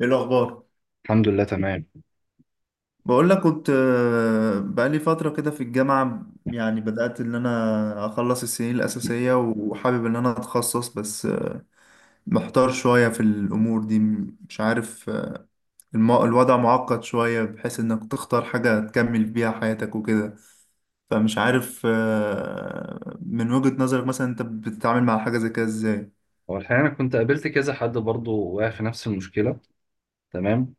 ايه الاخبار؟ الحمد لله تمام. بقول لك كنت، بقالي فتره كده في الجامعه. يعني بدات ان انا اخلص السنين الاساسيه وحابب ان انا اتخصص، بس محتار شويه في الامور دي. مش عارف، الوضع معقد شويه، بحيث انك تختار حاجه تكمل بيها حياتك وكده. فمش عارف، من وجهه نظرك مثلا انت بتتعامل مع حاجه زي كده ازاي؟ هو الحقيقة أنا كنت قابلت كذا حد برضه واقع في نفس المشكلة. تمام.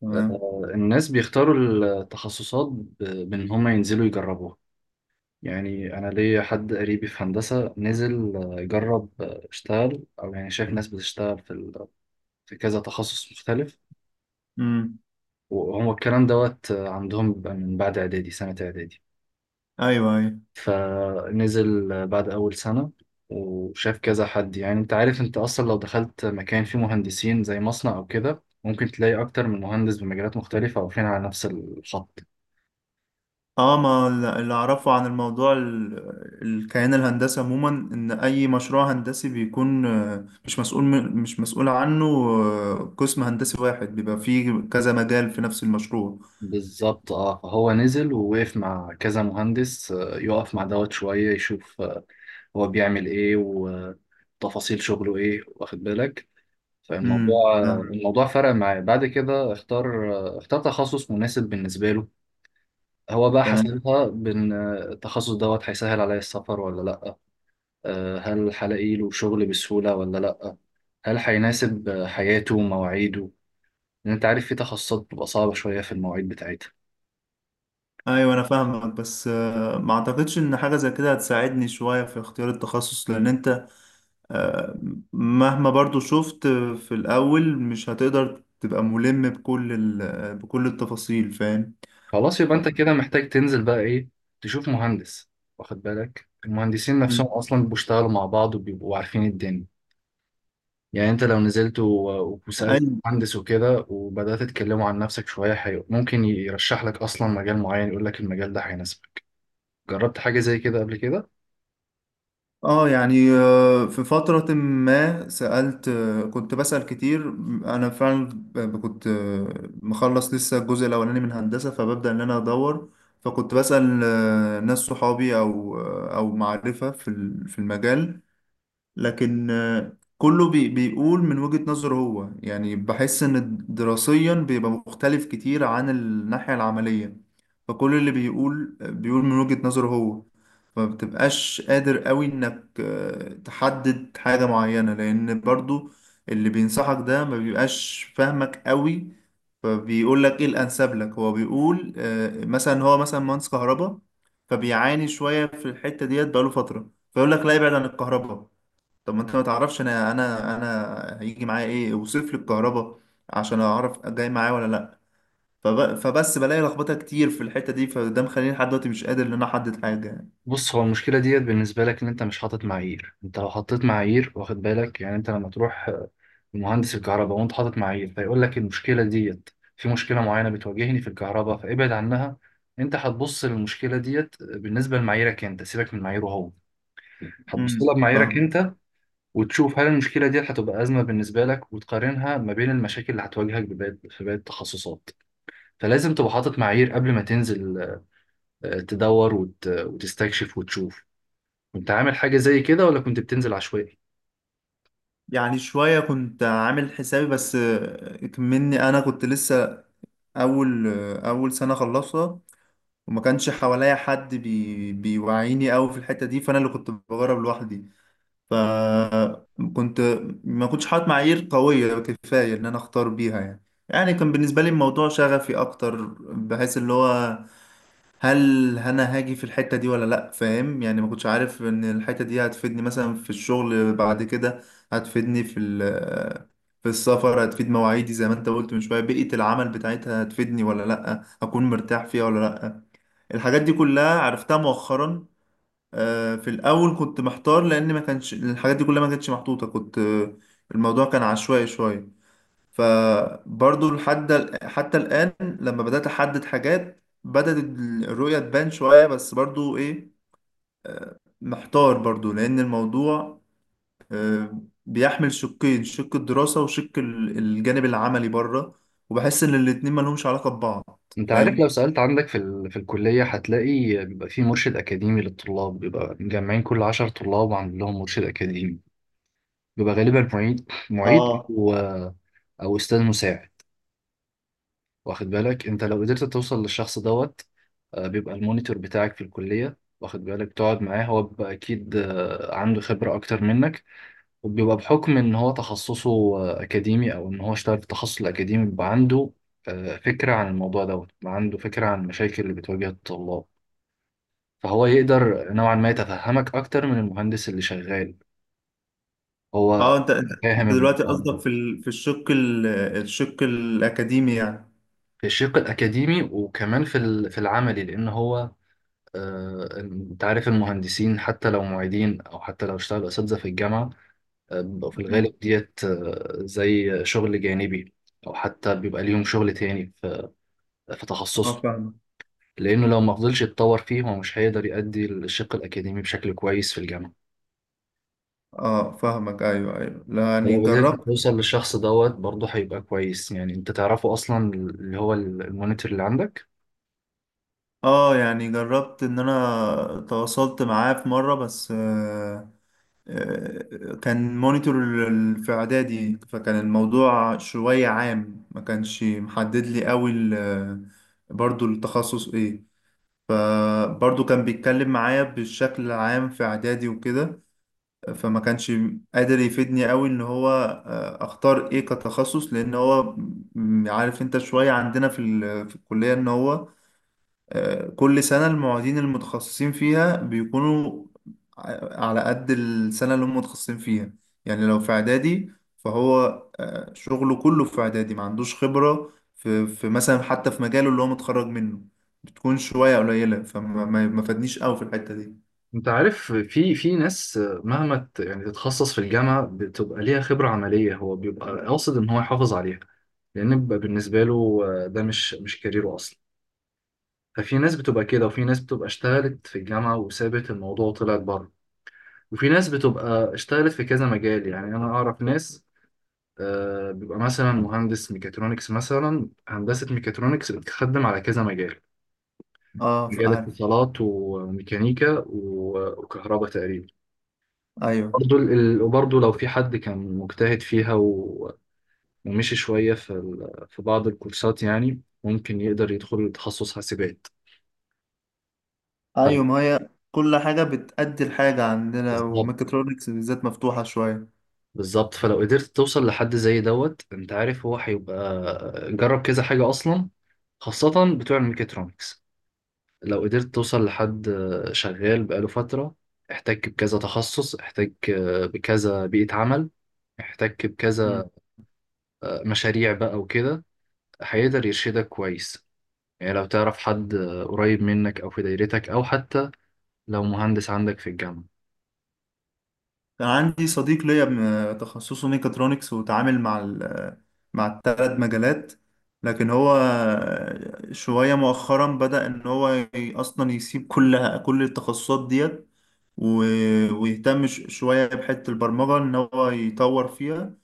تمام. الناس بيختاروا التخصصات بإن هم ينزلوا يجربوها. يعني أنا ليا حد قريبي في هندسة نزل، يجرب، اشتغل أو يعني شايف ناس بتشتغل في كذا تخصص مختلف. امم. وهو الكلام دوت، عندهم بيبقى من بعد إعدادي سنة إعدادي. ايوه، ايوه. فنزل بعد أول سنة وشاف كذا حد. يعني أنت عارف، أنت أصلا لو دخلت مكان فيه مهندسين زي مصنع أو كده ممكن تلاقي أكتر من مهندس بمجالات مختلفة واقفين على نفس الخط. اه. ما اللي اعرفه عن الموضوع، الكيان الهندسي عموما، ان اي مشروع هندسي بيكون مش مسؤول عنه، قسم هندسي واحد بيبقى فيه كذا مجال في نفس المشروع. بالظبط. اه، فهو نزل ووقف مع كذا مهندس، يقف مع دوت شوية يشوف، هو بيعمل ايه وتفاصيل شغله ايه، واخد بالك. امم. فالموضوع، آه، لا. الموضوع فرق معاه. بعد كده اختار، اختار تخصص مناسب بالنسبة له. هو بقى تمام. حسبها بان التخصص دوت هيسهل عليا السفر ولا لا، هل هلاقي له شغل بسهولة ولا لا، هل هيناسب حياته ومواعيده؟ لان انت عارف في تخصصات بتبقى صعبة شوية في المواعيد بتاعتها. ايوه، انا فاهمك، بس ما اعتقدش ان حاجه زي كده هتساعدني شويه في اختيار التخصص، لان انت آه، مهما برضو شفت، في الاول مش هتقدر تبقى ملم بكل بكل التفاصيل. فاهم. خلاص يبقى ف- انت كده محتاج تنزل بقى ايه، تشوف مهندس. واخد بالك، المهندسين مم. نفسهم اصلا بيشتغلوا مع بعض وبيبقوا عارفين الدنيا. يعني انت لو نزلت وسألت أيوة. مهندس وكده وبدأت تتكلموا عن نفسك شوية حلو، ممكن يرشح لك اصلا مجال معين، يقول لك المجال ده هيناسبك. جربت حاجة زي كده قبل كده؟ اه، يعني، في فترة ما سألت، كنت بسأل كتير. أنا فعلا كنت مخلص لسه الجزء الأولاني من هندسة، فببدأ إن أنا أدور. فكنت بسأل ناس صحابي، أو معرفة في في المجال. لكن كله بيقول من وجهة نظره هو. يعني بحس ان دراسيا بيبقى مختلف كتير عن الناحية العملية. فكل اللي بيقول من وجهة نظره هو. فمبتبقاش قادر قوي انك تحدد حاجة معينة، لان برضو اللي بينصحك ده ما بيبقاش فاهمك قوي، فبيقول لك ايه الانسب لك. هو بيقول مثلا هو مثلا مهندس كهرباء، فبيعاني شوية في الحتة ديت بقاله فترة، فيقول لك لا ابعد عن الكهرباء. طب ما انت ما تعرفش، انا هيجي معايا ايه؟ وصف لي الكهرباء عشان اعرف جاي معايا ولا لا. فبس بلاقي لخبطه كتير في الحته دي، فده مخليني لحد دلوقتي مش قادر ان انا احدد حاجه يعني. بص، هو المشكلة ديت بالنسبة لك ان انت مش حاطط معايير. انت لو حطيت معايير، واخد بالك، يعني انت لما تروح لمهندس الكهرباء وانت حاطط معايير، فيقول لك المشكلة ديت، في مشكلة معينة بتواجهني في الكهرباء فابعد عنها، انت هتبص للمشكلة ديت بالنسبة لمعاييرك انت. سيبك من معاييره هو، هتبص امم. لها بمعاييرك فاهم. انت، وتشوف هل المشكلة ديت هتبقى أزمة بالنسبة لك، وتقارنها ما بين المشاكل اللي هتواجهك في باقي التخصصات. فلازم تبقى حاطط معايير قبل ما تنزل، تدور وتستكشف وتشوف. كنت عامل حاجة زي كده ولا كنت بتنزل عشوائي؟ يعني شويه كنت عامل حسابي، بس مني انا كنت لسه اول، اول سنه خلصها، وما كانش حواليا حد بيوعيني قوي في الحته دي، فانا اللي كنت بجرب لوحدي. فكنت، ما كنتش حاطط معايير قوية كفاية إن أنا أختار بيها يعني. كان بالنسبة لي الموضوع شغفي أكتر، بحيث اللي هو، هل أنا هاجي في الحتة دي ولا لأ؟ فاهم يعني. ما كنتش عارف إن الحتة دي هتفيدني مثلا في الشغل بعد كده، هتفيدني في السفر، هتفيد مواعيدي، زي ما أنت قلت من شوية، بيئة العمل بتاعتها هتفيدني ولا لأ، أكون مرتاح فيها ولا لأ. الحاجات دي كلها عرفتها مؤخرا. في الاول كنت محتار، لان ما كانش الحاجات دي كلها، ما كانتش محطوطه، كنت، الموضوع كان عشوائي شويه. فبرضو لحد حتى الان، لما بدات احدد حاجات بدات الرؤيه تبان شويه. بس برضو ايه، محتار برضو، لان الموضوع بيحمل شقين: شق الدراسه وشق الجانب العملي بره، وبحس ان الاتنين ما لهمش علاقه ببعض. انت عارف، لو فاهم. سألت عندك في الكلية هتلاقي بيبقى في مرشد أكاديمي للطلاب، بيبقى مجمعين كل عشر طلاب وعامل لهم مرشد أكاديمي. بيبقى غالبا معيد معيد اه، أو أستاذ مساعد. واخد بالك، انت لو قدرت توصل للشخص دوت، بيبقى المونيتور بتاعك في الكلية. واخد بالك، تقعد معاه، هو بيبقى أكيد عنده خبرة أكتر منك، وبيبقى بحكم ان هو تخصصه اكاديمي او ان هو اشتغل في التخصص الاكاديمي، بيبقى عنده فكرة عن الموضوع دوت، بيبقى عنده فكرة عن المشاكل اللي بتواجه الطلاب. فهو يقدر نوعا ما يتفهمك اكتر من المهندس اللي شغال، اه، هو انت انت بيبقى أنت فاهم دلوقتي الموضوع. قصدك في في الشق الشق الاكاديمي يعني؟ في الشق الاكاديمي وكمان في العملي، لان هو، انت عارف المهندسين حتى لو معيدين او حتى لو اشتغلوا اساتذه في الجامعه، بيبقوا في مم. الغالب ديت زي شغل جانبي، او حتى بيبقى ليهم شغل تاني في اه تخصصه. فاهمك. لأنه لو ما فضلش يتطور فيه هو مش هيقدر يأدي الشق الأكاديمي بشكل كويس في الجامعة. اه فاهمك. ايوه، ايوه. لا، يعني ولو قدرت جربت. توصل للشخص دوت برضه هيبقى كويس، يعني أنت تعرفه أصلا، اللي هو المونيتور اللي عندك. اه، يعني جربت ان انا تواصلت معاه في مره، بس كان مونيتور في اعدادي، فكان الموضوع شويه عام، ما كانش محدد لي قوي برضو التخصص ايه. برضو كان بيتكلم معايا بالشكل العام في اعدادي وكده، فما كانش قادر يفيدني قوي ان هو اختار ايه كتخصص. لان هو، عارف انت، شوية عندنا في في الكلية ان هو كل سنة المعيدين المتخصصين فيها بيكونوا على قد السنة اللي هم متخصصين فيها. يعني لو في اعدادي، فهو شغله كله في اعدادي، ما عندوش خبرة في مثلا، حتى في مجاله اللي هو متخرج منه، بتكون شوية قليلة، فما ما ما فادنيش قوي في الحتة دي. انت عارف، في ناس مهما يعني تتخصص في الجامعه بتبقى ليها خبره عمليه، هو بيبقى قاصد ان هو يحافظ عليها، لان بيبقى بالنسبه له ده مش كاريره اصلا. ففي ناس بتبقى كده، وفي ناس بتبقى اشتغلت في الجامعه وسابت الموضوع وطلعت بره، وفي ناس بتبقى اشتغلت في كذا مجال. يعني انا اعرف ناس، بيبقى مثلا مهندس ميكاترونكس. مثلا هندسة ميكاترونكس بتخدم على كذا مجال، اه مجال عارف. اتصالات وميكانيكا وكهرباء تقريبا. ايوه، برضو وبرضو لو في حد كان مجتهد فيها ومشي شوية في بعض الكورسات، يعني ممكن يقدر يدخل تخصص حاسبات. ايوه. ما هي كل حاجة بتأدي لحاجة عندنا، ف- وميكاترونكس بالذات مفتوحة شوية. بالظبط. فلو قدرت توصل لحد زي دوت، انت عارف هو هيبقى جرب كذا حاجة اصلا، خاصة بتوع الميكاترونكس. لو قدرت توصل لحد شغال بقاله فترة، احتك بكذا تخصص، احتك بكذا بيئة عمل، احتك مم. بكذا مشاريع بقى وكده، هيقدر يرشدك كويس. يعني لو تعرف حد قريب منك او في دايرتك، او حتى لو مهندس عندك في الجامعة. كان عندي صديق ليا تخصصه ميكاترونكس، وتعامل مع مع الثلاث مجالات. لكن هو شوية مؤخرا بدأ إن هو أصلا يسيب كل التخصصات ديت، ويهتم شوية بحتة البرمجة إن هو يطور فيها.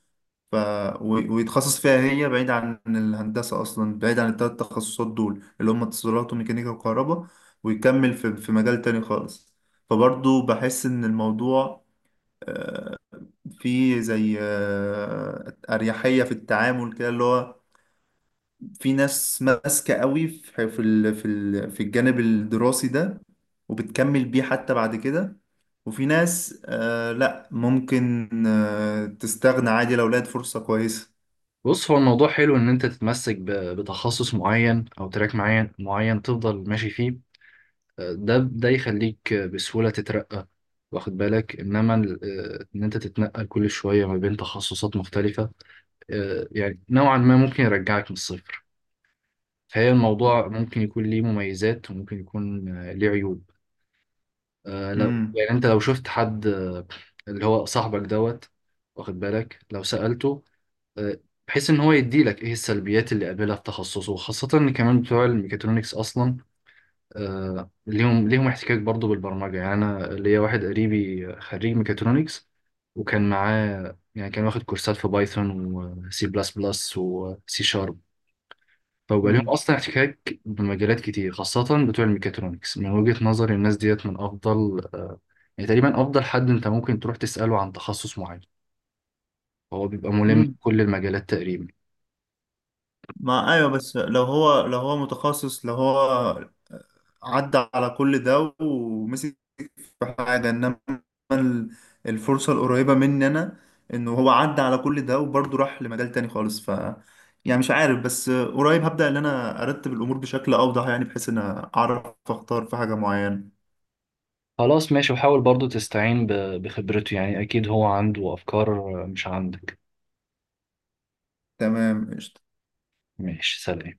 ف... ويتخصص فيها هي، بعيد عن الهندسة أصلا، بعيد عن التلات تخصصات دول اللي هم اتصالات وميكانيكا وكهرباء، ويكمل في مجال تاني خالص. فبرضو بحس إن الموضوع فيه زي أريحية في التعامل، كده اللي هو، في ناس ماسكة قوي في في الجانب الدراسي ده، وبتكمل بيه حتى بعد كده. وفي ناس، آه لا، ممكن تستغنى عادي لو لقت فرصة كويسة. بص، هو الموضوع حلو ان انت تتمسك بتخصص معين او تراك معين معين تفضل ماشي فيه، ده يخليك بسهولة تترقى. واخد بالك انما ان انت تتنقل كل شوية ما بين تخصصات مختلفة، يعني نوعا ما ممكن يرجعك من الصفر. فهي الموضوع ممكن يكون ليه مميزات وممكن يكون ليه عيوب. لو يعني انت لو شفت حد، اللي هو صاحبك دوت، واخد بالك لو سألته آه، بحيث ان هو يديلك ايه السلبيات اللي قابلها في تخصصه. خاصة ان كمان بتوع الميكاترونكس اصلا ليهم احتكاك برضو بالبرمجة. يعني أنا ليا واحد قريبي خريج ميكاترونكس، وكان معاه يعني كان واخد كورسات في بايثون وسي بلس بلس وسي شارب. فبقى ليهم مم. أصلا احتكاك بمجالات كتير، خاصة بتوع الميكاترونكس. من وجهة نظري الناس ديت من أفضل، يعني تقريبا أفضل حد أنت ممكن تروح تسأله عن تخصص معين. هو بيبقى ملم مم. بكل المجالات تقريبا. ما ايوه، بس لو هو متخصص، لو هو عدى على كل ده ومسك في حاجه. انما ال- الفرصه القريبه مني انا، انه هو عدى على كل ده وبرضه راح لمجال تاني خالص. يعني مش عارف، بس قريب هبدأ ان انا ارتب الامور بشكل اوضح، يعني بحيث ان اعرف اختار في حاجه معينه. خلاص، ماشي. وحاول برضو تستعين بخبرته، يعني أكيد هو عنده أفكار مش عندك. تمام. ماشي، سلام.